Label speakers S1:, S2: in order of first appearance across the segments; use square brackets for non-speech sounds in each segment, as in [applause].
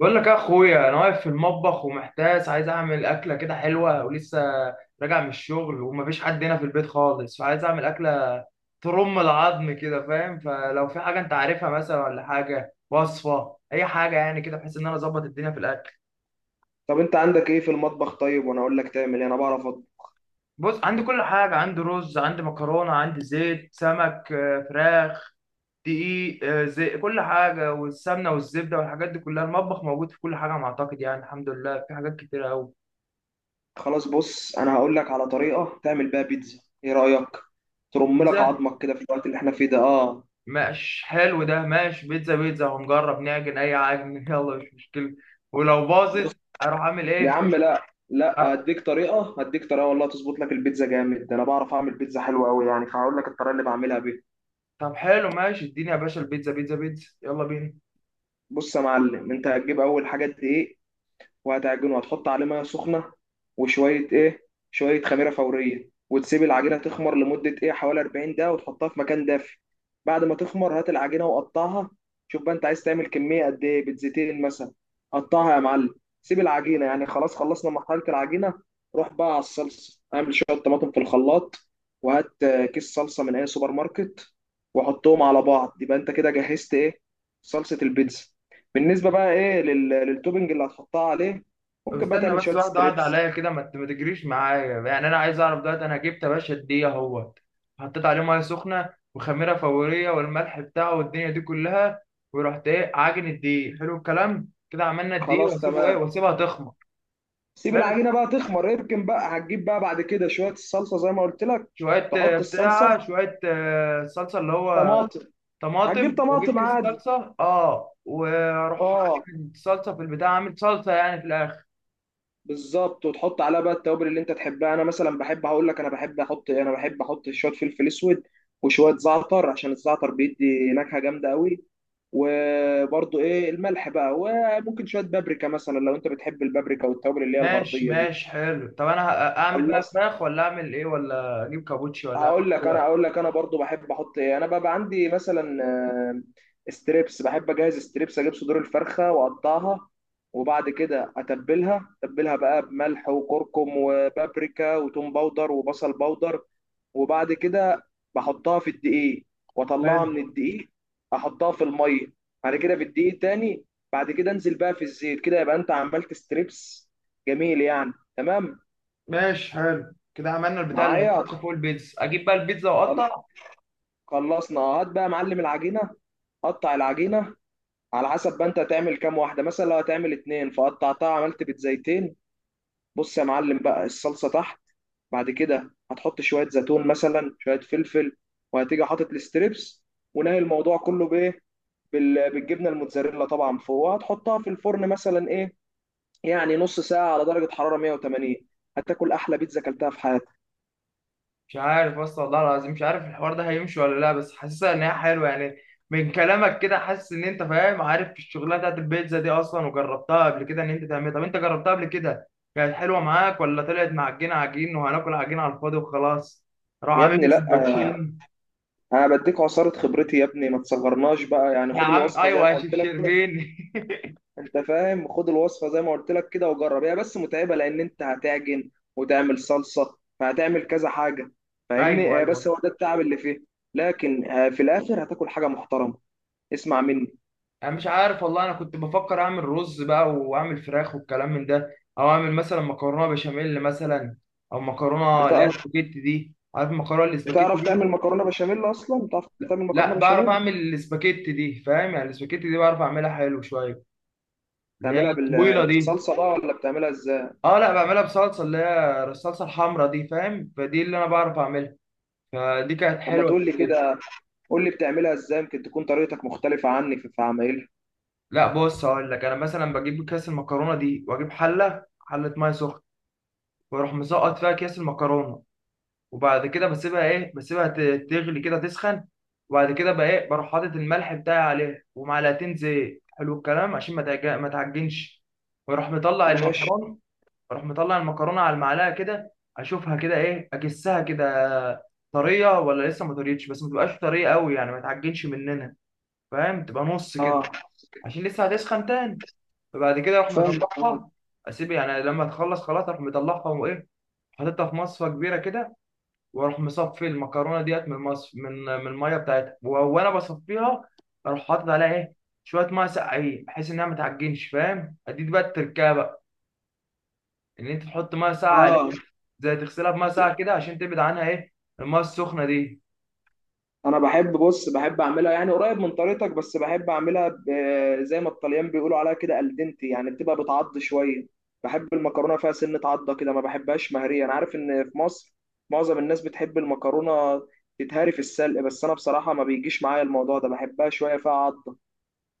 S1: بقول لك يا اخويا، انا واقف في المطبخ ومحتاس، عايز اعمل اكله كده حلوه ولسه راجع من الشغل، ومفيش حد هنا في البيت خالص. فعايز اعمل اكله ترم العظم كده، فاهم؟ فلو في حاجه انت عارفها مثلا، ولا حاجه، وصفه، اي حاجه يعني كده، بحيث ان انا اظبط الدنيا في الاكل.
S2: طب انت عندك ايه في المطبخ؟ طيب وانا اقول لك تعمل ايه. انا بعرف
S1: بص عندي كل حاجه، عندي رز، عندي مكرونه، عندي زيت، سمك، فراخ، دقيق، زي كل حاجه، والسمنه والزبده والحاجات دي كلها المطبخ موجود، في كل حاجه انا اعتقد يعني. الحمد لله في حاجات كتيره قوي.
S2: خلاص. بص، انا هقول لك على طريقه تعمل بيها بيتزا، ايه رايك؟ ترم لك
S1: بيتزا.
S2: عظمك كده في الوقت اللي احنا فيه ده. اه،
S1: ماشي حلو ده، ماشي، بيتزا بيتزا، هنجرب نعجن اي عجن [laughs] يلا، مش مشكلة. ولو
S2: بص
S1: باظت اروح اعمل
S2: يا
S1: ايه؟
S2: عم، لا لا،
S1: أر...
S2: هديك طريقه، هديك طريقه والله تظبط لك البيتزا جامد ده. انا بعرف اعمل بيتزا حلوه قوي يعني، فهقول لك الطريقه اللي بعملها بيها.
S1: طب حلو، ماشي، اديني يا باشا البيتزا. بيتزا بيتزا يلا بينا.
S2: بص يا معلم، انت هتجيب اول حاجه دقيق، وهتعجنه، وهتحط عليه ميه سخنه وشويه ايه، شويه خميره فوريه، وتسيب العجينه تخمر لمده ايه حوالي 40 دقيقه، وتحطها في مكان دافي. بعد ما تخمر هات العجينه وقطعها. شوف بقى انت عايز تعمل كميه قد ايه، بيتزتين مثلا. قطعها يا معلم، سيب العجينه، يعني خلاص خلصنا مرحله العجينه. روح بقى على الصلصه، اعمل شويه طماطم في الخلاط، وهات كيس صلصه من اي سوبر ماركت، وحطهم على بعض. يبقى انت كده جهزت ايه، صلصه البيتزا. بالنسبه بقى ايه للتوبنج اللي هتحطها عليه،
S1: طب
S2: ممكن بقى
S1: استنى
S2: تعمل
S1: بس،
S2: شويه
S1: واحدة واحدة
S2: ستريبس.
S1: عليا كده، ما تجريش معايا يعني. انا عايز اعرف دلوقتي، انا جبت يا باشا الدقيق اهوت، حطيت عليه ميه سخنة وخميرة فورية والملح بتاعه والدنيا دي كلها، ورحت ايه عاجن الدقيق. حلو الكلام كده، عملنا الدقيق
S2: خلاص
S1: واسيبه ايه،
S2: تمام،
S1: واسيبها تخمر.
S2: سيب
S1: حلو.
S2: العجينه بقى تخمر، اركن بقى، هتجيب بقى بعد كده شويه الصلصه زي ما قلت لك.
S1: شوية
S2: تحط الصلصه
S1: بتاع، شوية صلصة اللي هو
S2: طماطم. هتجيب
S1: طماطم، واجيب
S2: طماطم
S1: كيس
S2: عادي،
S1: صلصه، اه، واروح
S2: اه،
S1: اجيب الصلصه في البتاع، اعمل صلصه يعني في الاخر.
S2: بالظبط، وتحط عليها بقى التوابل اللي انت تحبها. انا مثلا بحب، هقول لك انا بحب احط شويه فلفل اسود، وشويه زعتر، عشان الزعتر بيدي نكهه جامده قوي، وبرضو ايه الملح بقى، وممكن شويه بابريكا مثلا لو انت بتحب البابريكا والتوابل اللي هي
S1: ماشي
S2: الغربيه دي.
S1: ماشي حلو. طب انا اعمل بقى
S2: خلصت،
S1: فراخ ولا اعمل ايه، ولا اجيب كابوتشي ولا اعمل
S2: هقول لك انا
S1: إيه؟
S2: هقول لك انا برضو بحب احط ايه. انا بقى عندي مثلا ستريبس، بحب اجهز ستريبس، اجيب صدور الفرخه واقطعها، وبعد كده اتبلها، بقى بملح وكركم وبابريكا وتوم باودر وبصل باودر، وبعد كده بحطها في الدقيق، واطلعها
S1: حلو.
S2: من الدقيق، احطها في الميه، بعد كده في الدقيق تاني، بعد كده انزل بقى في الزيت، كده يبقى انت عملت ستريبس جميل يعني تمام
S1: ماشي حلو كده، عملنا البتاع اللي
S2: معايا.
S1: هيتحط فوق البيتزا، اجيب بقى البيتزا واقطع.
S2: خلصنا، هات بقى يا معلم العجينه، قطع العجينه على حسب بقى انت هتعمل كام واحده، مثلا لو هتعمل اتنين فقطعتها عملت بيتزايتين. بص يا معلم، بقى الصلصه تحت، بعد كده هتحط شويه زيتون مثلا، شويه فلفل، وهتيجي حاطط الستريبس، ونهي الموضوع كله بايه، بالجبنه الموتزاريلا طبعا فوق، وهتحطها في الفرن مثلا ايه يعني نص ساعه على درجه حراره 180. هتاكل احلى بيتزا اكلتها في حياتك.
S1: مش عارف اصلا، والله العظيم مش عارف الحوار ده هيمشي ولا لا، بس حاسسها ان هي حلوه يعني. من كلامك كده حاسس ان انت فاهم عارف الشغلانه بتاعت البيتزا دي اصلا، وجربتها قبل كده ان انت تعملها. طب انت جربتها قبل كده، كانت حلوه معاك ولا طلعت معجنه عجين وهناكل عجين على الفاضي وخلاص؟ راح
S2: يا
S1: عامل
S2: ابني
S1: لي
S2: لا،
S1: سندوتشين.
S2: انا بديك عصاره خبرتي يا ابني، ما تصغرناش بقى يعني،
S1: يا
S2: خد
S1: عم
S2: الوصفه زي
S1: ايوه
S2: ما
S1: يا شيف
S2: قلت لك.
S1: شربين.
S2: انت فاهم، خد الوصفه زي ما قلت لك كده وجرب. هي بس متعبه لان انت هتعجن وتعمل صلصه، فهتعمل كذا حاجه،
S1: [laughs]
S2: فاهمني.
S1: ايوه
S2: هي بس
S1: ايوه.
S2: هو ده التعب اللي فيه، لكن في الاخر هتاكل حاجه محترمه، اسمع مني.
S1: انا مش عارف والله. انا كنت بفكر اعمل رز بقى واعمل فراخ والكلام من ده، او اعمل مثلا مكرونه بشاميل مثلا، او مكرونه اللي هي
S2: بتعرف
S1: السباكيتي دي، عارف المكرونه الاسباجيتي
S2: بتعرف
S1: دي؟
S2: تعمل مكرونه بشاميل اصلا؟ بتعرف تعمل مكرونه
S1: لا بعرف
S2: بشاميل؟
S1: اعمل الاسباجيتي دي، فاهم يعني. الاسباجيتي دي بعرف اعملها حلو شويه، اللي هي
S2: بتعملها
S1: الطويله دي.
S2: بالصلصه بقى، ولا بتعملها ازاي؟
S1: اه، لا بعملها بصلصه، اللي هي الصلصه الحمراء دي فاهم. فدي اللي انا بعرف اعملها، فدي كانت
S2: اما
S1: حلوه.
S2: تقول لي كده، قول لي بتعملها ازاي، يمكن تكون طريقتك مختلفه عني في عمايلها.
S1: لا بص هقول لك. انا مثلا بجيب كيس المكرونه دي، واجيب حله، حله ميه سخنه، واروح مسقط فيها كيس المكرونه. وبعد كده بسيبها ايه، بسيبها تغلي كده تسخن. وبعد كده بقى ايه، بروح حاطط الملح بتاعي عليها ومعلقتين زيت، حلو الكلام، عشان ما ما تعجنش. واروح مطلع
S2: ماشي،
S1: المكرونه. اروح مطلع المكرونه على المعلقه كده، اشوفها كده ايه، اجسها كده، طريه ولا لسه ما طريتش، بس ما تبقاش طريه قوي يعني ما تعجنش مننا فاهم. تبقى نص كده،
S2: اه،
S1: عشان لسه هتسخن تاني. فبعد كده اروح
S2: فاهمك، اه،
S1: مطلعها، اسيب يعني لما تخلص خلاص اروح مطلعها وايه، حاططها في مصفى كبيره كده، واروح مصفي المكرونه ديت من المصف من من الميه بتاعتها وانا بصفيها. اروح حاطط عليها ايه، شويه ميه ساقعين بحيث انها ما تعجنش فاهم. اديك بقى التركيبه بقى، ان انت تحط ميه ساقعه عليها،
S2: اه.
S1: زي تغسلها بميه ساقعه كده عشان تبعد عنها ايه، الميه السخنه دي.
S2: انا بحب، بص، بحب اعملها يعني قريب من طريقتك، بس بحب اعملها زي ما الطليان بيقولوا عليها كده الدنتي، يعني بتبقى بتعض شويه. بحب المكرونه فيها سنه عضه كده، ما بحبهاش مهريه. انا عارف ان في مصر معظم الناس بتحب المكرونه تتهري في السلق، بس انا بصراحه ما بيجيش معايا الموضوع ده، بحبها شويه فيها عضه.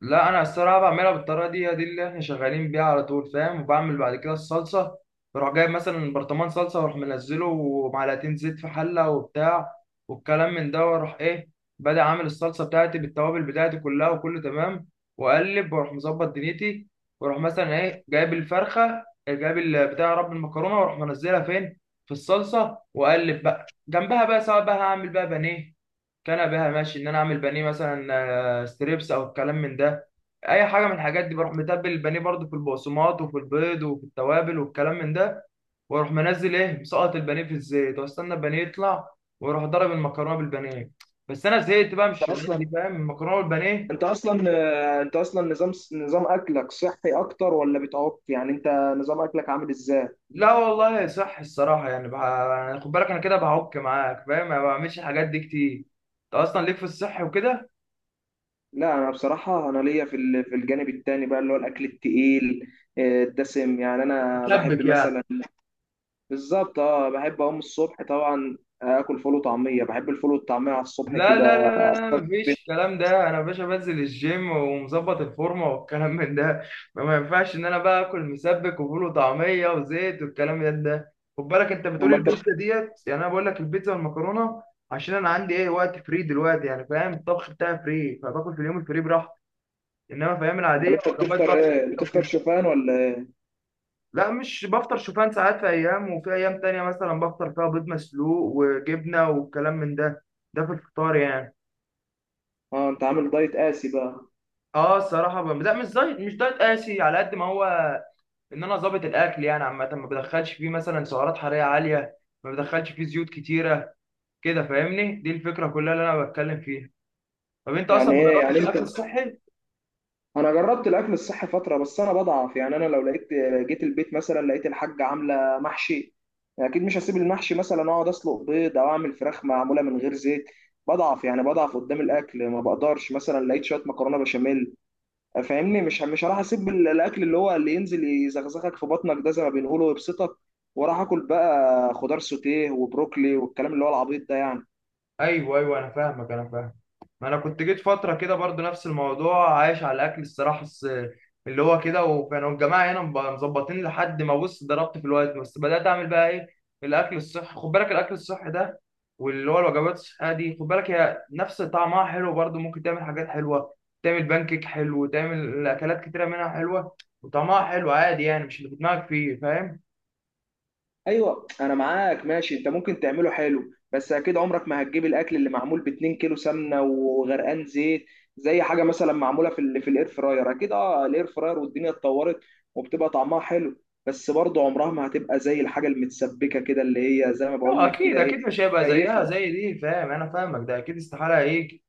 S1: لا انا الصراحه بعملها بالطريقه دي اللي احنا شغالين بيها على طول فاهم. وبعمل بعد كده الصلصه، بروح جايب مثلا برطمان صلصه، واروح منزله ومعلقتين زيت في حله وبتاع والكلام من ده، واروح ايه بدأ عامل الصلصه بتاعتي بالتوابل بتاعتي كلها وكله تمام. واقلب واروح مظبط دنيتي، واروح مثلا ايه جايب الفرخه، جايب بتاع رب المكرونه، واروح منزلها فين، في الصلصه. واقلب بقى جنبها بقى، سواء بقى هعمل بقى بانيه، كان بها ماشي ان انا اعمل بانيه مثلا، ستريبس او الكلام من ده، اي حاجه من الحاجات دي. بروح متبل البانيه برضو في البقسماط وفي البيض وفي التوابل والكلام من ده، واروح منزل ايه مسقط البانيه في الزيت، واستنى البانيه يطلع، واروح ضرب المكرونه بالبانيه. بس انا زهقت بقى من
S2: انت
S1: الشغلانه
S2: اصلا
S1: دي فاهم، المكرونه بالبانيه.
S2: انت اصلا انت اصلا نظام اكلك صحي اكتر ولا بتعك يعني؟ انت نظام اكلك عامل ازاي؟
S1: لا والله صح الصراحه يعني يعني خد بالك انا كده بعك معاك فاهم، ما بعملش الحاجات دي كتير. انت اصلا ليك في الصح وكده.
S2: لا انا بصراحه انا ليا في الجانب التاني بقى، اللي هو الاكل التقيل، الدسم يعني. انا بحب
S1: شبك يعني.
S2: مثلا، بالظبط، اه، بحب اقوم الصبح طبعا، اكل فول وطعميه، بحب الفول والطعميه على الصبح
S1: لا لا لا
S2: كده.
S1: لا لا، مفيش الكلام ده. انا يا باشا بنزل الجيم ومظبط الفورمه والكلام [laughs] من ده. ما ينفعش ان انا بقى اكل مسبك وفول وطعميه وزيت والكلام من ده. خد بالك انت بتقول
S2: امال انت
S1: البيتزا ديت، يعني انا بقول لك البيتزا والمكرونه عشان انا عندي ايه وقت فري دلوقتي يعني فاهم. الطبخ بتاعي فري، فباكل في اليوم الفري براحتي. انما في ايام
S2: امال
S1: العاديه
S2: انت
S1: وجبات
S2: بتفطر
S1: بقى
S2: ايه؟
S1: صحيه
S2: بتفطر
S1: وكده.
S2: شوفان ولا إيه؟
S1: لا مش بفطر شوفان ساعات. في ايام وفي ايام تانية مثلا بفطر فيها بيض مسلوق وجبنه والكلام من ده، ده في الفطار يعني.
S2: اه انت عامل دايت قاسي بقى.
S1: اه الصراحه لا مش دايت، مش دايت قاسي على قد ما هو ان انا ظابط الاكل يعني. عامه ما بدخلش فيه مثلا سعرات حراريه عاليه، ما بدخلش فيه زيوت كتيره كده فاهمني، دي الفكره كلها اللي انا بتكلم فيها. طب انت اصلا
S2: يعني
S1: ما
S2: ايه يعني
S1: جربتش
S2: انت؟
S1: الاكل الصحي؟
S2: انا جربت الاكل الصحي فتره، بس انا بضعف يعني. انا لو لقيت، جيت البيت مثلا لقيت الحاجه عامله محشي، اكيد مش هسيب المحشي مثلا اقعد اسلق بيض، او اعمل فراخ معموله من غير زيت. بضعف يعني، بضعف قدام الاكل، ما بقدرش. مثلا لقيت شويه مكرونه بشاميل، فاهمني، مش هروح اسيب الاكل اللي هو اللي ينزل يزغزغك في بطنك ده، زي ما بنقوله، ويبسطك، وراح اكل بقى خضار سوتيه وبروكلي والكلام اللي هو العبيط ده يعني.
S1: ايوه ايوه انا فاهمك، انا فاهم. ما انا كنت جيت فتره كده برضو نفس الموضوع، عايش على الاكل الصراحه اللي هو كده، وكانوا الجماعه هنا مظبطين. لحد ما بص ضربت في الوقت، بس بدات اعمل بقى ايه، الاكل الصحي. خد بالك الاكل الصحي ده واللي هو الوجبات الصحيه دي، خد بالك هي نفس طعمها حلو برضو، ممكن تعمل حاجات حلوه، تعمل بانكيك حلو، تعمل اكلات كتيره منها حلوه، وطعمها حلو عادي يعني مش اللي في دماغك فيه فاهم؟
S2: ايوه، انا معاك ماشي، انت ممكن تعمله حلو، بس اكيد عمرك ما هتجيب الاكل اللي معمول ب 2 كيلو سمنه وغرقان زيت زي حاجه مثلا معموله في الاير فراير. اكيد، اه، الاير فراير والدنيا اتطورت وبتبقى طعمها حلو، بس برضه عمرها ما هتبقى زي الحاجه المتسبكه كده، اللي هي زي ما بقول
S1: اه
S2: لك
S1: اكيد
S2: كده
S1: اكيد
S2: ايه،
S1: مش هيبقى زيها
S2: كيفها.
S1: زي دي فاهم، انا فاهمك، ده اكيد استحاله ايه.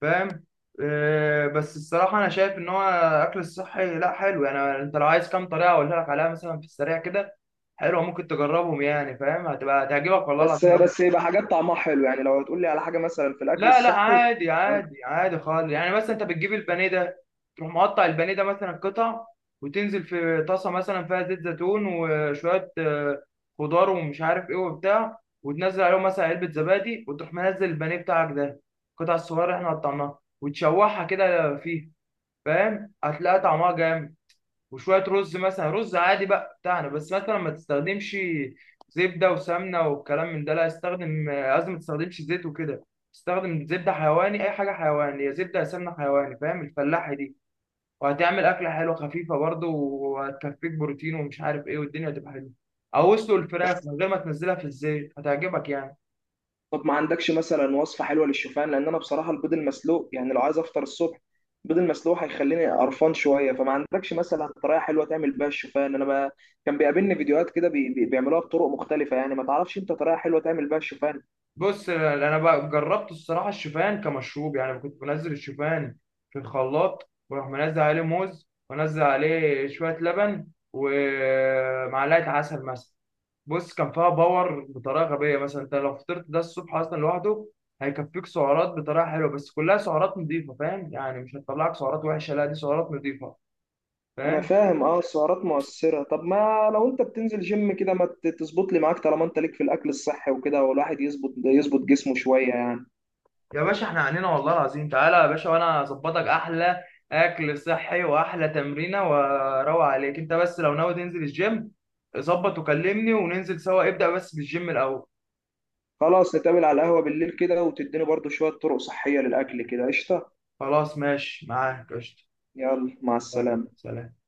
S1: فاهم. بس الصراحة أنا شايف إن هو أكل الصحي لأ حلو. يعني أنت لو عايز كام طريقة أقولها لك عليها مثلا في السريع كده حلوة، ممكن تجربهم يعني فاهم، هتبقى هتعجبك والله
S2: بس
S1: العظيم أوي.
S2: بس، يبقى حاجات طعمها حلو يعني؟ لو هتقول لي على حاجه مثلا في الاكل
S1: لا لا
S2: الصحي،
S1: عادي عادي عادي خالص. يعني مثلا أنت بتجيب البانيه ده، تروح مقطع البانيه ده مثلا قطع، وتنزل في طاسة مثلا فيها زيت زيتون وشوية خضار ومش عارف إيه وبتاع، وتنزل عليهم مثلا علبة زبادي، وتروح منزل البانيه بتاعك ده القطع الصغيرة اللي إحنا قطعناها، وتشوحها كده فيه فاهم، هتلاقي طعمها جامد. وشويه رز مثلا، رز عادي بقى بتاعنا، بس مثلا ما تستخدمش زبده وسمنه والكلام من ده، لا استخدم، لازم ما تستخدمش زيت وكده. استخدم زبده حيواني، اي حاجه حيواني، يا زبده يا سمنه حيواني فاهم، الفلاحي دي. وهتعمل اكله حلوه خفيفه برضه، وهتكفيك بروتين ومش عارف ايه، والدنيا هتبقى حلوه. او اسلق الفراخ من غير ما تنزلها في الزيت هتعجبك يعني.
S2: طب ما عندكش مثلا وصفة حلوة للشوفان؟ لأن أنا بصراحة البيض المسلوق، يعني لو عايز أفطر الصبح، البيض المسلوق هيخليني قرفان شوية. فما عندكش مثلا طريقة حلوة تعمل بيها الشوفان؟ أنا ما كان بيقابلني فيديوهات كده بيعملوها بطرق مختلفة. يعني ما تعرفش أنت طريقة حلوة تعمل بيها الشوفان؟
S1: بص انا بقى جربت الصراحه الشوفان كمشروب يعني. كنت بنزل الشوفان في الخلاط، واروح منزل عليه موز، وانزل عليه شويه لبن، ومعلقه عسل مثلا. بص كان فيها باور بطريقه غبيه. مثلا انت لو فطرت ده الصبح اصلا لوحده هيكفيك سعرات بطريقه حلوه، بس كلها سعرات نظيفه فاهم يعني، مش هتطلعك سعرات وحشه لا دي سعرات نظيفه
S2: أنا
S1: فاهم.
S2: فاهم أه، السعرات مؤثرة. طب ما لو أنت بتنزل جيم كده، ما تظبط لي معاك، طالما أنت ليك في الأكل الصحي وكده، والواحد يظبط جسمه شوية يعني.
S1: يا باشا احنا عنينا والله العظيم تعالى يا باشا، وانا اظبطك احلى اكل صحي واحلى تمرينه، واروق عليك انت، بس لو ناوي تنزل الجيم ظبط وكلمني وننزل سوا، ابدأ بس بالجيم الاول.
S2: خلاص، نتقابل على القهوة بالليل كده، وتديني برضو شوية طرق صحية للأكل كده، قشطة.
S1: خلاص ماشي معاك قشطة.
S2: يلا مع
S1: يلا،
S2: السلامة.
S1: سلام.